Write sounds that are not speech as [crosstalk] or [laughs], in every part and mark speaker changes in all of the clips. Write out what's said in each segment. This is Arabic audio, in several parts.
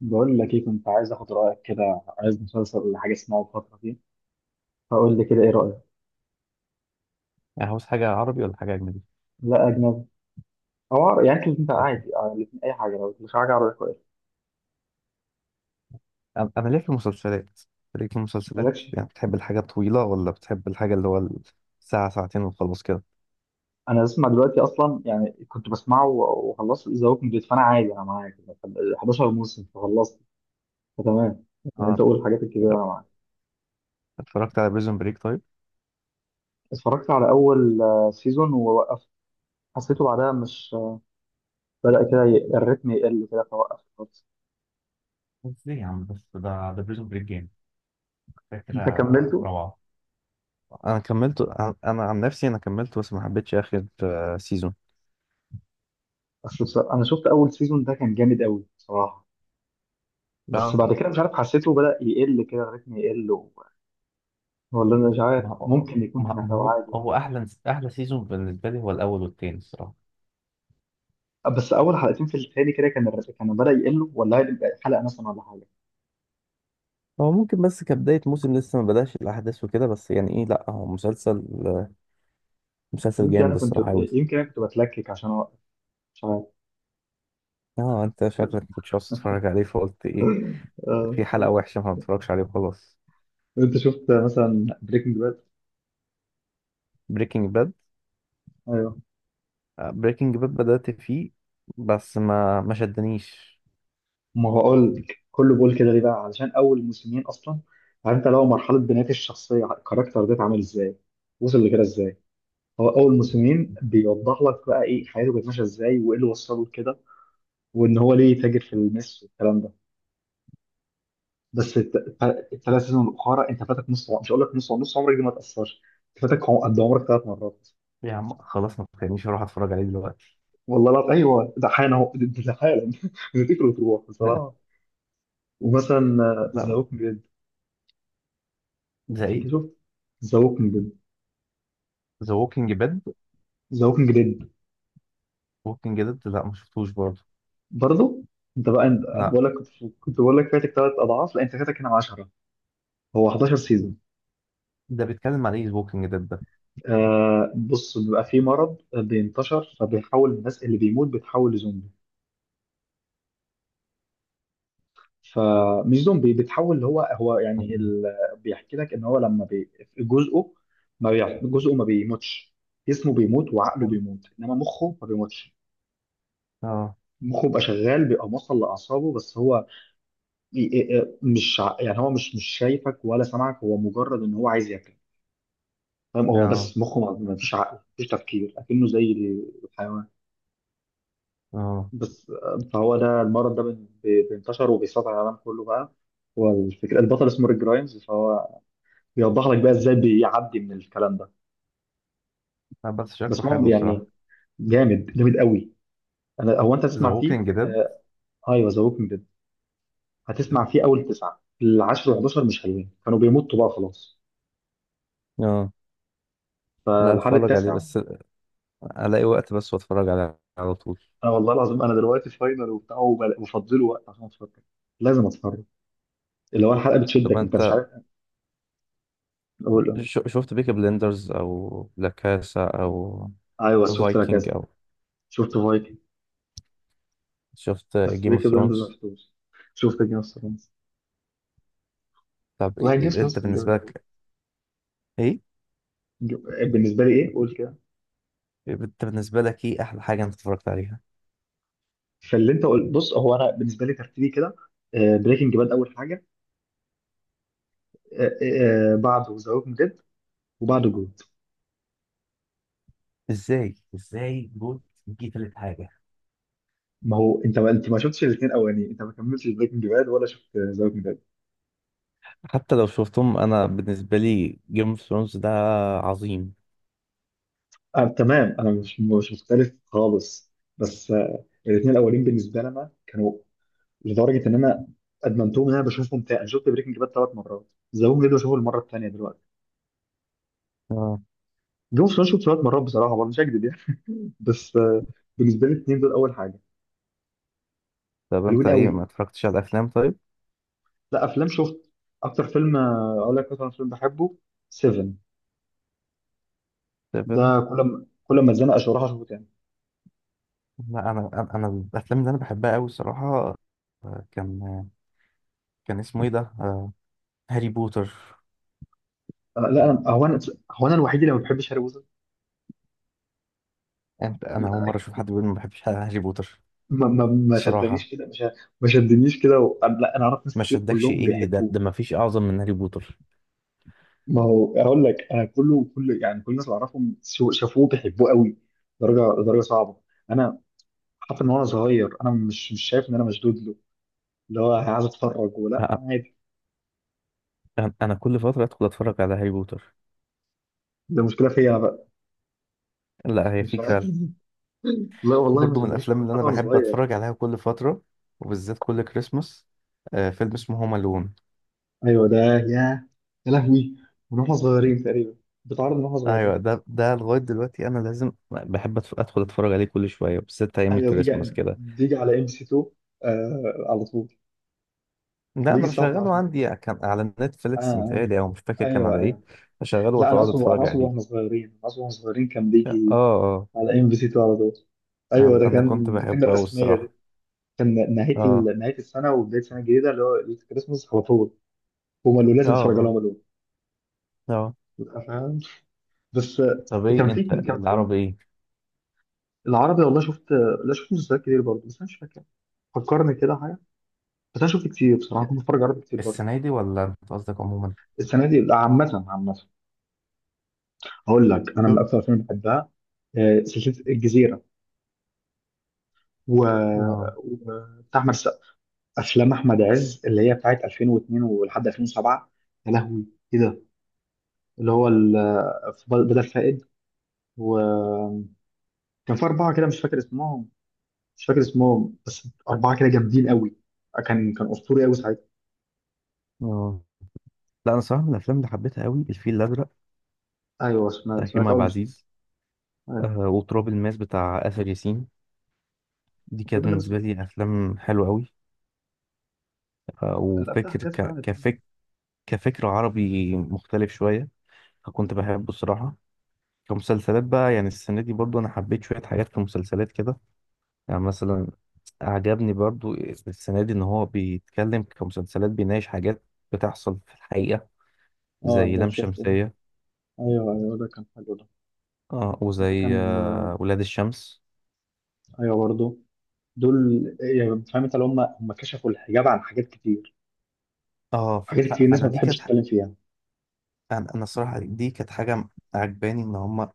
Speaker 1: بقول لك ايه، كنت عايز اخد رايك كده، عايز مسلسل ولا حاجه اسمعه الفتره دي؟ فقول لي كده ايه رايك.
Speaker 2: يعني عاوز حاجة عربي ولا حاجة أجنبي؟
Speaker 1: لا اجنبي او عربي، يعني انت
Speaker 2: أجنبي.
Speaker 1: عادي، الاتنين اي حاجه، لو مش حاجه عربي كويس.
Speaker 2: أنا ليه في المسلسلات؟ ليه في المسلسلات؟
Speaker 1: مالكش.
Speaker 2: يعني بتحب الحاجة الطويلة ولا بتحب الحاجة اللي هو ساعة ساعتين وخلاص كده؟
Speaker 1: انا بسمع دلوقتي اصلا، يعني كنت بسمعه وخلصت ذا ووكينج ديد، فانا عادي انا معاك، 11 موسم فخلصت، فتمام. يعني انت
Speaker 2: اه.
Speaker 1: قول الحاجات الكبيره
Speaker 2: طب
Speaker 1: انا معاك.
Speaker 2: اتفرجت على بريزون بريك طيب؟
Speaker 1: اتفرجت على اول سيزون ووقفت. حسيته بعدها مش بدأ كده الريتم يقل كده فوقفت خالص.
Speaker 2: ازاي يا عم، بس ده بريزون بريك جامد، فكرة
Speaker 1: انت كملته؟
Speaker 2: روعة. أنا كملته، أنا عن نفسي أنا كملته، بس ما حبيتش آخر سيزون.
Speaker 1: اصل بصراحة انا شفت اول سيزون ده كان جامد قوي بصراحه. بس
Speaker 2: اه.
Speaker 1: بعد كده مش عارف، حسيته بدأ يقل كده الريتم يقل و... ولا انا مش
Speaker 2: ما
Speaker 1: عارف،
Speaker 2: هو
Speaker 1: ممكن يكون كان
Speaker 2: ما ما
Speaker 1: هيبقى
Speaker 2: هو
Speaker 1: عادي.
Speaker 2: هو أحلى سيزون بالنسبة لي هو الأول والتاني الصراحة.
Speaker 1: بس اول حلقتين في التاني كده كان الريتم كان بدأ يقل، ولا هيبقى حلقة مثلا ولا حاجة.
Speaker 2: هو ممكن، بس كبداية موسم لسه ما بدأش الأحداث وكده، بس يعني إيه، لأ هو مسلسل
Speaker 1: يمكن انا
Speaker 2: جامد
Speaker 1: كنت
Speaker 2: الصراحة أوي.
Speaker 1: يمكن انا كنت بتلكك عشان اوقف، مش عارف.
Speaker 2: اه، انت شكلك كنتش عاوز تتفرج عليه فقلت ايه
Speaker 1: [laughs] آه.
Speaker 2: في حلقة وحشة فما تتفرجش عليه وخلاص.
Speaker 1: انت شفت مثلا بريكنج باد؟
Speaker 2: بريكنج باد،
Speaker 1: ايوه.
Speaker 2: بريكنج باد بدأت فيه بس ما شدنيش.
Speaker 1: ما هو اقول لك كله بقول كده ليه بقى، علشان اول موسمين اصلا عارف انت لو مرحله بناء الشخصيه، الكاركتر ده اتعمل ازاي، وصل لكده ازاي. هو اول موسمين بيوضح لك بقى ايه حياته كانت ماشيه ازاي، وايه اللي وصله لكده، وان هو ليه تاجر في المس والكلام ده. بس الثلاث سيزون الاخرى انت فاتك مش هقول لك نص عمرك دي ما تاثرش. انت فاتك قد عمرك ثلاث مرات.
Speaker 2: يا عم خلاص، ما تخلينيش اروح اتفرج عليه دلوقتي.
Speaker 1: والله لا ايوه ده حالا اهو، ده حالا [laughs] بتفتكر وتروح بصراحه.
Speaker 2: [laughs]
Speaker 1: ومثلا ذا
Speaker 2: لا.
Speaker 1: ووكينج ديد.
Speaker 2: زي
Speaker 1: اكيد
Speaker 2: ايه؟
Speaker 1: شفت ذا ووكينج ديد.
Speaker 2: ذا ووكينج ديد.
Speaker 1: ذا ووكينج ديد.
Speaker 2: ووكينج ديد، لا ما شفتوش برضه.
Speaker 1: برضه. انت بقى انت انا
Speaker 2: لا،
Speaker 1: بقول لك كنت، كنت بقول لك فاتك ثلاث اضعاف، لا انت فاتك هنا 10، هو 11 سيزون.
Speaker 2: ده بيتكلم عن ايه ذا ووكينج ديد ده؟
Speaker 1: بص، بيبقى في مرض بينتشر، فبيحول الناس اللي بيموت بتحول لزومبي، فمش زومبي، بتحول اللي هو يعني
Speaker 2: مم.
Speaker 1: ال... بيحكي لك ان هو لما بي... جزءه، ما بي... جزءه ما بيموتش، جسمه بيموت وعقله
Speaker 2: اه.
Speaker 1: بيموت، انما مخه ما بيموتش.
Speaker 2: اه.
Speaker 1: مخه بيبقى شغال، بيبقى موصل لاعصابه، بس هو ي- مش يعني هو مش شايفك ولا سامعك، هو مجرد ان هو عايز ياكل، فاهم، هو
Speaker 2: اه.
Speaker 1: بس مخه ما فيش عقل، ما فيش تفكير، اكنه زي الحيوان
Speaker 2: آه.
Speaker 1: بس. فهو ده المرض ده بينتشر وبيسيطر على العالم كله بقى. والفكرة، البطل اسمه ريك جرايمز، فهو بيوضح لك بقى ازاي بيعدي من الكلام ده.
Speaker 2: لا، بس شكله
Speaker 1: بس هو
Speaker 2: حلو الصراحة.
Speaker 1: يعني جامد جامد قوي. انا هو انت
Speaker 2: ذا
Speaker 1: تسمع فيه
Speaker 2: ووكينج ديد.
Speaker 1: آه. ايوه ذا ووكينج ديد. هتسمع فيه اول تسعة، العاشر و11 مش حلوين، كانوا بيمطوا بقى خلاص،
Speaker 2: اه، لا
Speaker 1: فلحد
Speaker 2: اتفرج عليه
Speaker 1: التاسع.
Speaker 2: بس الاقي وقت بس، واتفرج على على طول.
Speaker 1: انا والله العظيم انا دلوقتي فاينل وبتاع وفضله وقت عشان اتفرج، لازم اتفرج، اللي هو الحلقة
Speaker 2: طب
Speaker 1: بتشدك انت مش
Speaker 2: انت،
Speaker 1: عارف. إيه.
Speaker 2: شفت بيكي بلندرز او لا كاسا او
Speaker 1: ايوه شفت لك
Speaker 2: فايكنج
Speaker 1: كذا.
Speaker 2: او
Speaker 1: شفت فايكنج.
Speaker 2: شفت
Speaker 1: بس
Speaker 2: جيم اوف
Speaker 1: بيكي بلاندرز ما
Speaker 2: ثرونز؟
Speaker 1: شفتوش. شفت جيمس اوف ثرونز.
Speaker 2: طب
Speaker 1: والله جيمس اوف ثرونز
Speaker 2: انت
Speaker 1: كان
Speaker 2: بالنسبه
Speaker 1: جامد قوي.
Speaker 2: لك ايه،
Speaker 1: بالنسبه لي ايه قول كده.
Speaker 2: احلى حاجه انت اتفرجت عليها؟
Speaker 1: فاللي انت قلت بص، هو انا بالنسبه لي ترتيبي كده، بريكنج باد اول حاجه، بعده ذا ووكينج ديد، وبعده جود.
Speaker 2: ازاي جوت دي تالت حاجه؟
Speaker 1: ما هو انت ما انت ما شفتش الاثنين الاولانيين، انت ما كملتش بريكنج باد ولا شفت ذا ووكينج ديد.
Speaker 2: حتى لو شفتهم، انا بالنسبه لي جيم اوف ثرونز ده عظيم.
Speaker 1: تمام، انا مش مختلف خالص. بس الاثنين الاولين بالنسبه لنا كانوا، لدرجه ان انا ادمنتهم، ان انا بشوفهم تاني. انا شفت بريكنج باد ثلاث مرات، ذا ووكينج ديد بشوفه المره الثانيه دلوقتي.
Speaker 2: اه.
Speaker 1: جون سوشو شويه مرات بصراحه برضه مش هكذب يعني. [laughs] بس آه، بالنسبه لي الاثنين دول اول حاجه.
Speaker 2: طب انت
Speaker 1: حلوين
Speaker 2: ايه،
Speaker 1: قوي.
Speaker 2: ما اتفرجتش على الافلام طيب؟
Speaker 1: لا افلام شفت. اكتر فيلم اقول لك مثلا، فيلم بحبه 7،
Speaker 2: طب أنا-
Speaker 1: ده كل ما اتزنق اشرحه اشوفه تاني.
Speaker 2: لا انا الافلام اللي انا بحبها قوي الصراحه، كان كان اسمه ايه ده، هاري بوتر.
Speaker 1: أنا لا انا هو انا هو انا الوحيد اللي ما بحبش هاري بوتر.
Speaker 2: انت، انا اول مره اشوف حد
Speaker 1: [laughs]
Speaker 2: بيقول ما بحبش هاري بوتر
Speaker 1: ما
Speaker 2: الصراحه.
Speaker 1: شدنيش كده مش، ما شدنيش كده و... لا انا اعرف ناس
Speaker 2: ما
Speaker 1: كتير
Speaker 2: شدكش
Speaker 1: كلهم
Speaker 2: ايه؟ ده
Speaker 1: بيحبوه.
Speaker 2: ما فيش اعظم من هاري بوتر.
Speaker 1: ما هو اقول لك انا كله كل يعني كل الناس اللي اعرفهم شافوه بيحبوه قوي، درجه درجه صعبه. انا حتى من وانا صغير انا مش شايف ان انا مشدود له، اللي هو عايز اتفرج ولا
Speaker 2: لا
Speaker 1: عادي.
Speaker 2: انا كل فتره ادخل اتفرج على هاري بوتر.
Speaker 1: ده مشكله فيا انا بقى،
Speaker 2: لا هي
Speaker 1: مش
Speaker 2: فيك
Speaker 1: عارف.
Speaker 2: فعلا.
Speaker 1: [laughs] لا والله ما
Speaker 2: برضو من
Speaker 1: شدنيش
Speaker 2: الافلام
Speaker 1: خالص
Speaker 2: اللي انا
Speaker 1: حتى وانا
Speaker 2: بحب
Speaker 1: صغير.
Speaker 2: اتفرج عليها كل فتره، وبالذات كل كريسماس، فيلم اسمه هوم الون.
Speaker 1: ايوه ده، يا لهوي، من واحنا صغيرين تقريبا، بتعرض من واحنا صغيرين.
Speaker 2: ايوه، ده لغايه دلوقتي انا لازم بحب ادخل اتفرج عليه كل شويه، بالذات ايام
Speaker 1: ايوه
Speaker 2: الكريسماس كده.
Speaker 1: بيجي على ام سي 2، آه على طول. كان
Speaker 2: لا
Speaker 1: بيجي
Speaker 2: انا
Speaker 1: الساعه
Speaker 2: بشغله
Speaker 1: 12.
Speaker 2: عندي، كان على
Speaker 1: اه
Speaker 2: نتفليكس
Speaker 1: آه.
Speaker 2: متهيألي او مش فاكر كان
Speaker 1: ايوه
Speaker 2: على ايه،
Speaker 1: ايوه.
Speaker 2: بشغله
Speaker 1: لا انا
Speaker 2: واتقعد
Speaker 1: اقصد،
Speaker 2: اتفرج عليه.
Speaker 1: انا اقصد واحنا صغيرين كان
Speaker 2: اه.
Speaker 1: بيجي
Speaker 2: اه.
Speaker 1: على ام بي سي 2 على طول.
Speaker 2: انا
Speaker 1: ايوه،
Speaker 2: أنا كنت
Speaker 1: ده كان
Speaker 2: بحبه أوي الصراحه.
Speaker 1: الرسميه. كان نهايه
Speaker 2: اه.
Speaker 1: ال... نهايه السنه وبدايه السنه الجديده، اللي هو ليله الكريسماس على طول. هم قالوا
Speaker 2: اه.
Speaker 1: لازم تتفرج
Speaker 2: اه.
Speaker 1: عليهم الأول.
Speaker 2: آه.
Speaker 1: فاهم. بس
Speaker 2: طب ايه
Speaker 1: كان
Speaker 2: انت
Speaker 1: في،
Speaker 2: العربي ايه؟
Speaker 1: العربي، والله شفت، لا شفت مسلسلات كتير برضه، بس انا مش فاكر، فكرني كده حاجه. بس انا شفت كتير بصراحه، كنت بتفرج عربي كتير برضه.
Speaker 2: السنه دي ولا انت قصدك عموما؟
Speaker 1: السنه دي؟ لا، عامه عامه. هقول لك انا من
Speaker 2: طب.
Speaker 1: اكثر الافلام اللي بحبها، سلسله الجزيره، و...
Speaker 2: اه.
Speaker 1: وبتاع احمد السقا، افلام احمد عز اللي هي بتاعت 2002 ولحد 2007، يا لهوي ايه ده، اللي هو ال... بدل فائد، و... كان في أربعة كده مش فاكر اسمهم، مش فاكر اسمهم بس أربعة كده جامدين قوي، كان أسطوري قوي ساعتها.
Speaker 2: اه. لا انا صراحه من الافلام اللي حبيتها قوي الفيل الازرق
Speaker 1: أيوه سمعت،
Speaker 2: بتاع كريم عبد
Speaker 1: أول مسلم.
Speaker 2: العزيز،
Speaker 1: أيوه.
Speaker 2: آه وتراب الماس بتاع اسر ياسين، دي
Speaker 1: طب
Speaker 2: كانت
Speaker 1: أنا ما
Speaker 2: بالنسبه لي
Speaker 1: سمعتوش.
Speaker 2: افلام حلوه قوي، آه
Speaker 1: لا بتاع حاجات فعلا اتعملت.
Speaker 2: كفكر عربي مختلف شويه، فكنت بحبه الصراحه. كمسلسلات بقى، يعني السنة دي برضو أنا حبيت شوية حاجات كمسلسلات كده، يعني مثلا عجبني برضو السنة دي إن هو بيتكلم كمسلسلات، بيناقش حاجات بتحصل في الحقيقة،
Speaker 1: اه
Speaker 2: زي
Speaker 1: ده
Speaker 2: لام
Speaker 1: شفته ده.
Speaker 2: شمسية.
Speaker 1: ايوه ايوه ده كان حلو ده.
Speaker 2: اه،
Speaker 1: ده
Speaker 2: وزي
Speaker 1: كان آه.
Speaker 2: ولاد الشمس.
Speaker 1: ايوه برضه. دول يعني، فاهم، انت اللي هم كشفوا الحجاب عن حاجات كتير،
Speaker 2: اه،
Speaker 1: حاجات كتير الناس ما
Speaker 2: فأنا دي
Speaker 1: بتحبش
Speaker 2: كانت ح-
Speaker 1: تتكلم فيها.
Speaker 2: أنا الصراحة دي كانت حاجة عجباني إن هما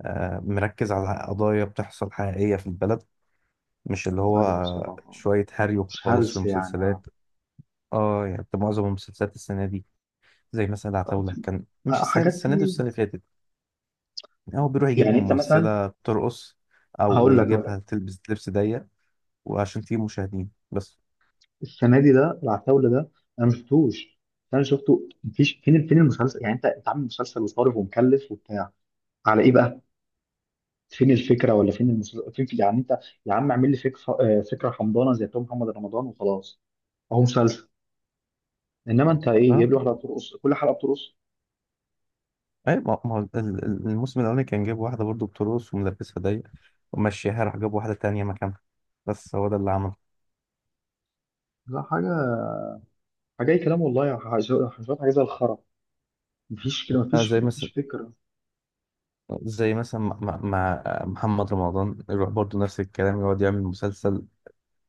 Speaker 2: آه مركز على قضايا بتحصل حقيقية في البلد، مش اللي هو
Speaker 1: ايوه بصراحه،
Speaker 2: شوية هري
Speaker 1: مش
Speaker 2: وخلاص في
Speaker 1: هلس يعني، اه.
Speaker 2: المسلسلات. اه، يعني معظم المسلسلات السنة دي، زي مثلا العتاولة كان، مش
Speaker 1: آه،
Speaker 2: السنة دي،
Speaker 1: حاجات
Speaker 2: السنة دي
Speaker 1: في،
Speaker 2: والسنة اللي فاتت، هو بيروح يجيب
Speaker 1: يعني انت مثلا،
Speaker 2: ممثلة بترقص، أو
Speaker 1: هقول لك
Speaker 2: يجيبها تلبس لبس ضيق وعشان تجيب مشاهدين بس.
Speaker 1: السنه دي، ده العتاوله ده انا ما شفتوش. انا شفته مفيش، فين المسلسل، يعني انت عامل مسلسل وصارف ومكلف وبتاع على ايه بقى، فين الفكره، ولا فين المسلسل، فين في يعني انت، يا عم اعمل لي فكره، فكره حمضانه زي بتوع محمد رمضان وخلاص، اهو مسلسل. انما انت ايه
Speaker 2: اه،
Speaker 1: جايب لي واحده بترقص كل حلقه بترقص.
Speaker 2: اي ما ما هو الموسم الأولاني كان جايب واحدة برضو بترقص وملبسها ضيق، ومشيها راح جاب واحدة تانية مكانها، بس هو ده اللي عمله.
Speaker 1: لا حاجه، حاجه اي كلام، والله يا شويه، حاجه زي الخرا. مفيش كده،
Speaker 2: اه، زي
Speaker 1: مفيش
Speaker 2: مثلا،
Speaker 1: فكره.
Speaker 2: زي مثلا مع محمد رمضان، يروح برضو نفس الكلام يقعد يعمل مسلسل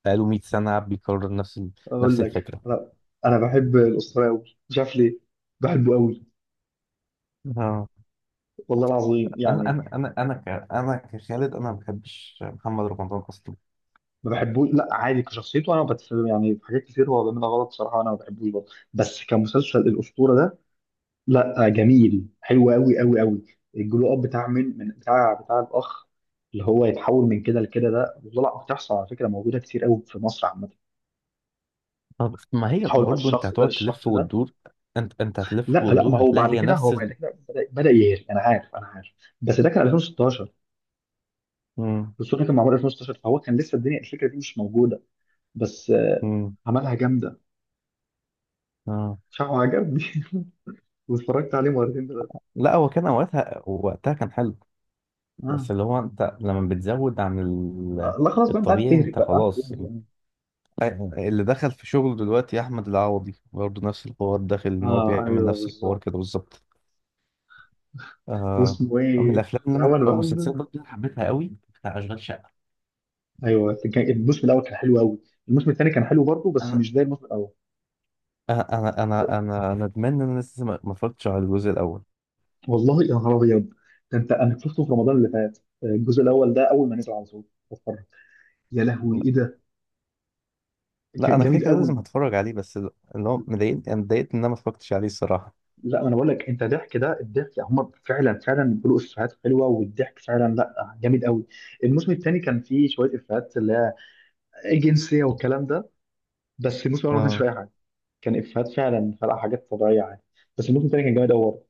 Speaker 2: بقاله 100 سنة بيكرر نفس نفس
Speaker 1: اقول لك،
Speaker 2: الفكرة.
Speaker 1: لا انا بحب الاسطوره قوي مش عارف ليه، بحبه قوي،
Speaker 2: اه،
Speaker 1: والله العظيم
Speaker 2: انا
Speaker 1: يعني.
Speaker 2: انا انا انا ك... انا كخالد انا ما بحبش محمد رمضان اصلا.
Speaker 1: ما بحبوش لا عادي كشخصيته، انا يعني في حاجات كتير هو بيعملها غلط صراحه، انا ما بحبوش برضه. بس كمسلسل الاسطوره ده لا جميل، حلو قوي قوي قوي. الجلو اب بتاع من بتاع الاخ، اللي هو يتحول من كده لكده ده، وطلع بتحصل على فكره موجوده كتير قوي في مصر عامه،
Speaker 2: طب ما هي
Speaker 1: يتحول من
Speaker 2: برضو انت
Speaker 1: الشخص ده
Speaker 2: هتقعد تلف
Speaker 1: للشخص ده.
Speaker 2: وتدور. انت
Speaker 1: لا
Speaker 2: هتلف
Speaker 1: لا، ما
Speaker 2: وتدور
Speaker 1: هو
Speaker 2: هتلاقي
Speaker 1: بعد
Speaker 2: هي
Speaker 1: كده،
Speaker 2: نفس ال...
Speaker 1: بدا يهري، انا عارف انا عارف، بس ده كان 2016،
Speaker 2: مم.
Speaker 1: الاسطوره كان معمول 2016، فهو كان لسه الدنيا الفكره دي مش موجوده، بس آه،
Speaker 2: مم.
Speaker 1: عملها جامده.
Speaker 2: آه.
Speaker 1: شعره عجبني [laughs] واتفرجت عليه مرتين دلوقتي.
Speaker 2: لا هو كان وقتها، وقتها كان حلو،
Speaker 1: اه
Speaker 2: بس اللي هو انت لما بتزود عن
Speaker 1: آه.
Speaker 2: ال...
Speaker 1: لا خلاص بقى، انت عارف
Speaker 2: الطبيعي،
Speaker 1: تهري
Speaker 2: انت
Speaker 1: بقى، عارف
Speaker 2: خلاص.
Speaker 1: تهري، آه.
Speaker 2: اللي دخل في شغله دلوقتي يا احمد العوضي برضه نفس الحوار، داخل ان هو
Speaker 1: اه
Speaker 2: بيعمل
Speaker 1: ايوه
Speaker 2: نفس الحوار
Speaker 1: بالظبط.
Speaker 2: كده بالظبط. آه.
Speaker 1: واسمه
Speaker 2: من
Speaker 1: ايه؟
Speaker 2: الافلام اللي
Speaker 1: يا عم
Speaker 2: انا، أو
Speaker 1: انا بحب.
Speaker 2: المسلسلات برضه، اللي حبيتها قوي بتاع اشغال شقه.
Speaker 1: ايوه كان الموسم الاول كان حلو قوي. الموسم الثاني كان حلو برضه بس مش زي الموسم الاول.
Speaker 2: انا انا
Speaker 1: ب-
Speaker 2: انا انا أنا ندمان ان انا لسه ما اتفرجتش على الجزء الاول.
Speaker 1: والله يا نهار ابيض ده، انت انا شفته في رمضان اللي فات، الجزء الاول ده اول ما نزل على طول بتفرج، يا لهوي ايه ده،
Speaker 2: لا
Speaker 1: كان
Speaker 2: انا كده
Speaker 1: جميل
Speaker 2: كده
Speaker 1: قوي.
Speaker 2: لازم هتفرج عليه بس اللي هو مضايقني، انا اتضايقت ان انا ما اتفرجتش عليه الصراحه.
Speaker 1: لا انا بقول لك، انت ضحك ده، الضحك هم فعلا فعلا بيقولوا افيهات حلوه، والضحك فعلا لا جامد قوي. الموسم الثاني كان فيه شويه افيهات اللي هي جنسيه والكلام ده، بس الموسم الاول ما كانش فيه
Speaker 2: اه،
Speaker 1: اي حاجه، كان افيهات فعلا، خلق حاجات طبيعيه عادي. بس الموسم الثاني كان جامد قوي برضه.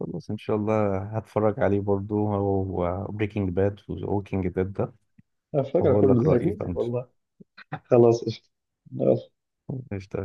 Speaker 2: خلاص ان شاء الله هتفرج عليه برضو، هو بريكنج باد ووكينج ديد ده،
Speaker 1: انا فاكر
Speaker 2: وهقول
Speaker 1: كله
Speaker 2: لك
Speaker 1: زي
Speaker 2: رايي بقى.
Speaker 1: فوتك والله. خلاص قشطه.
Speaker 2: قشطة قشطة.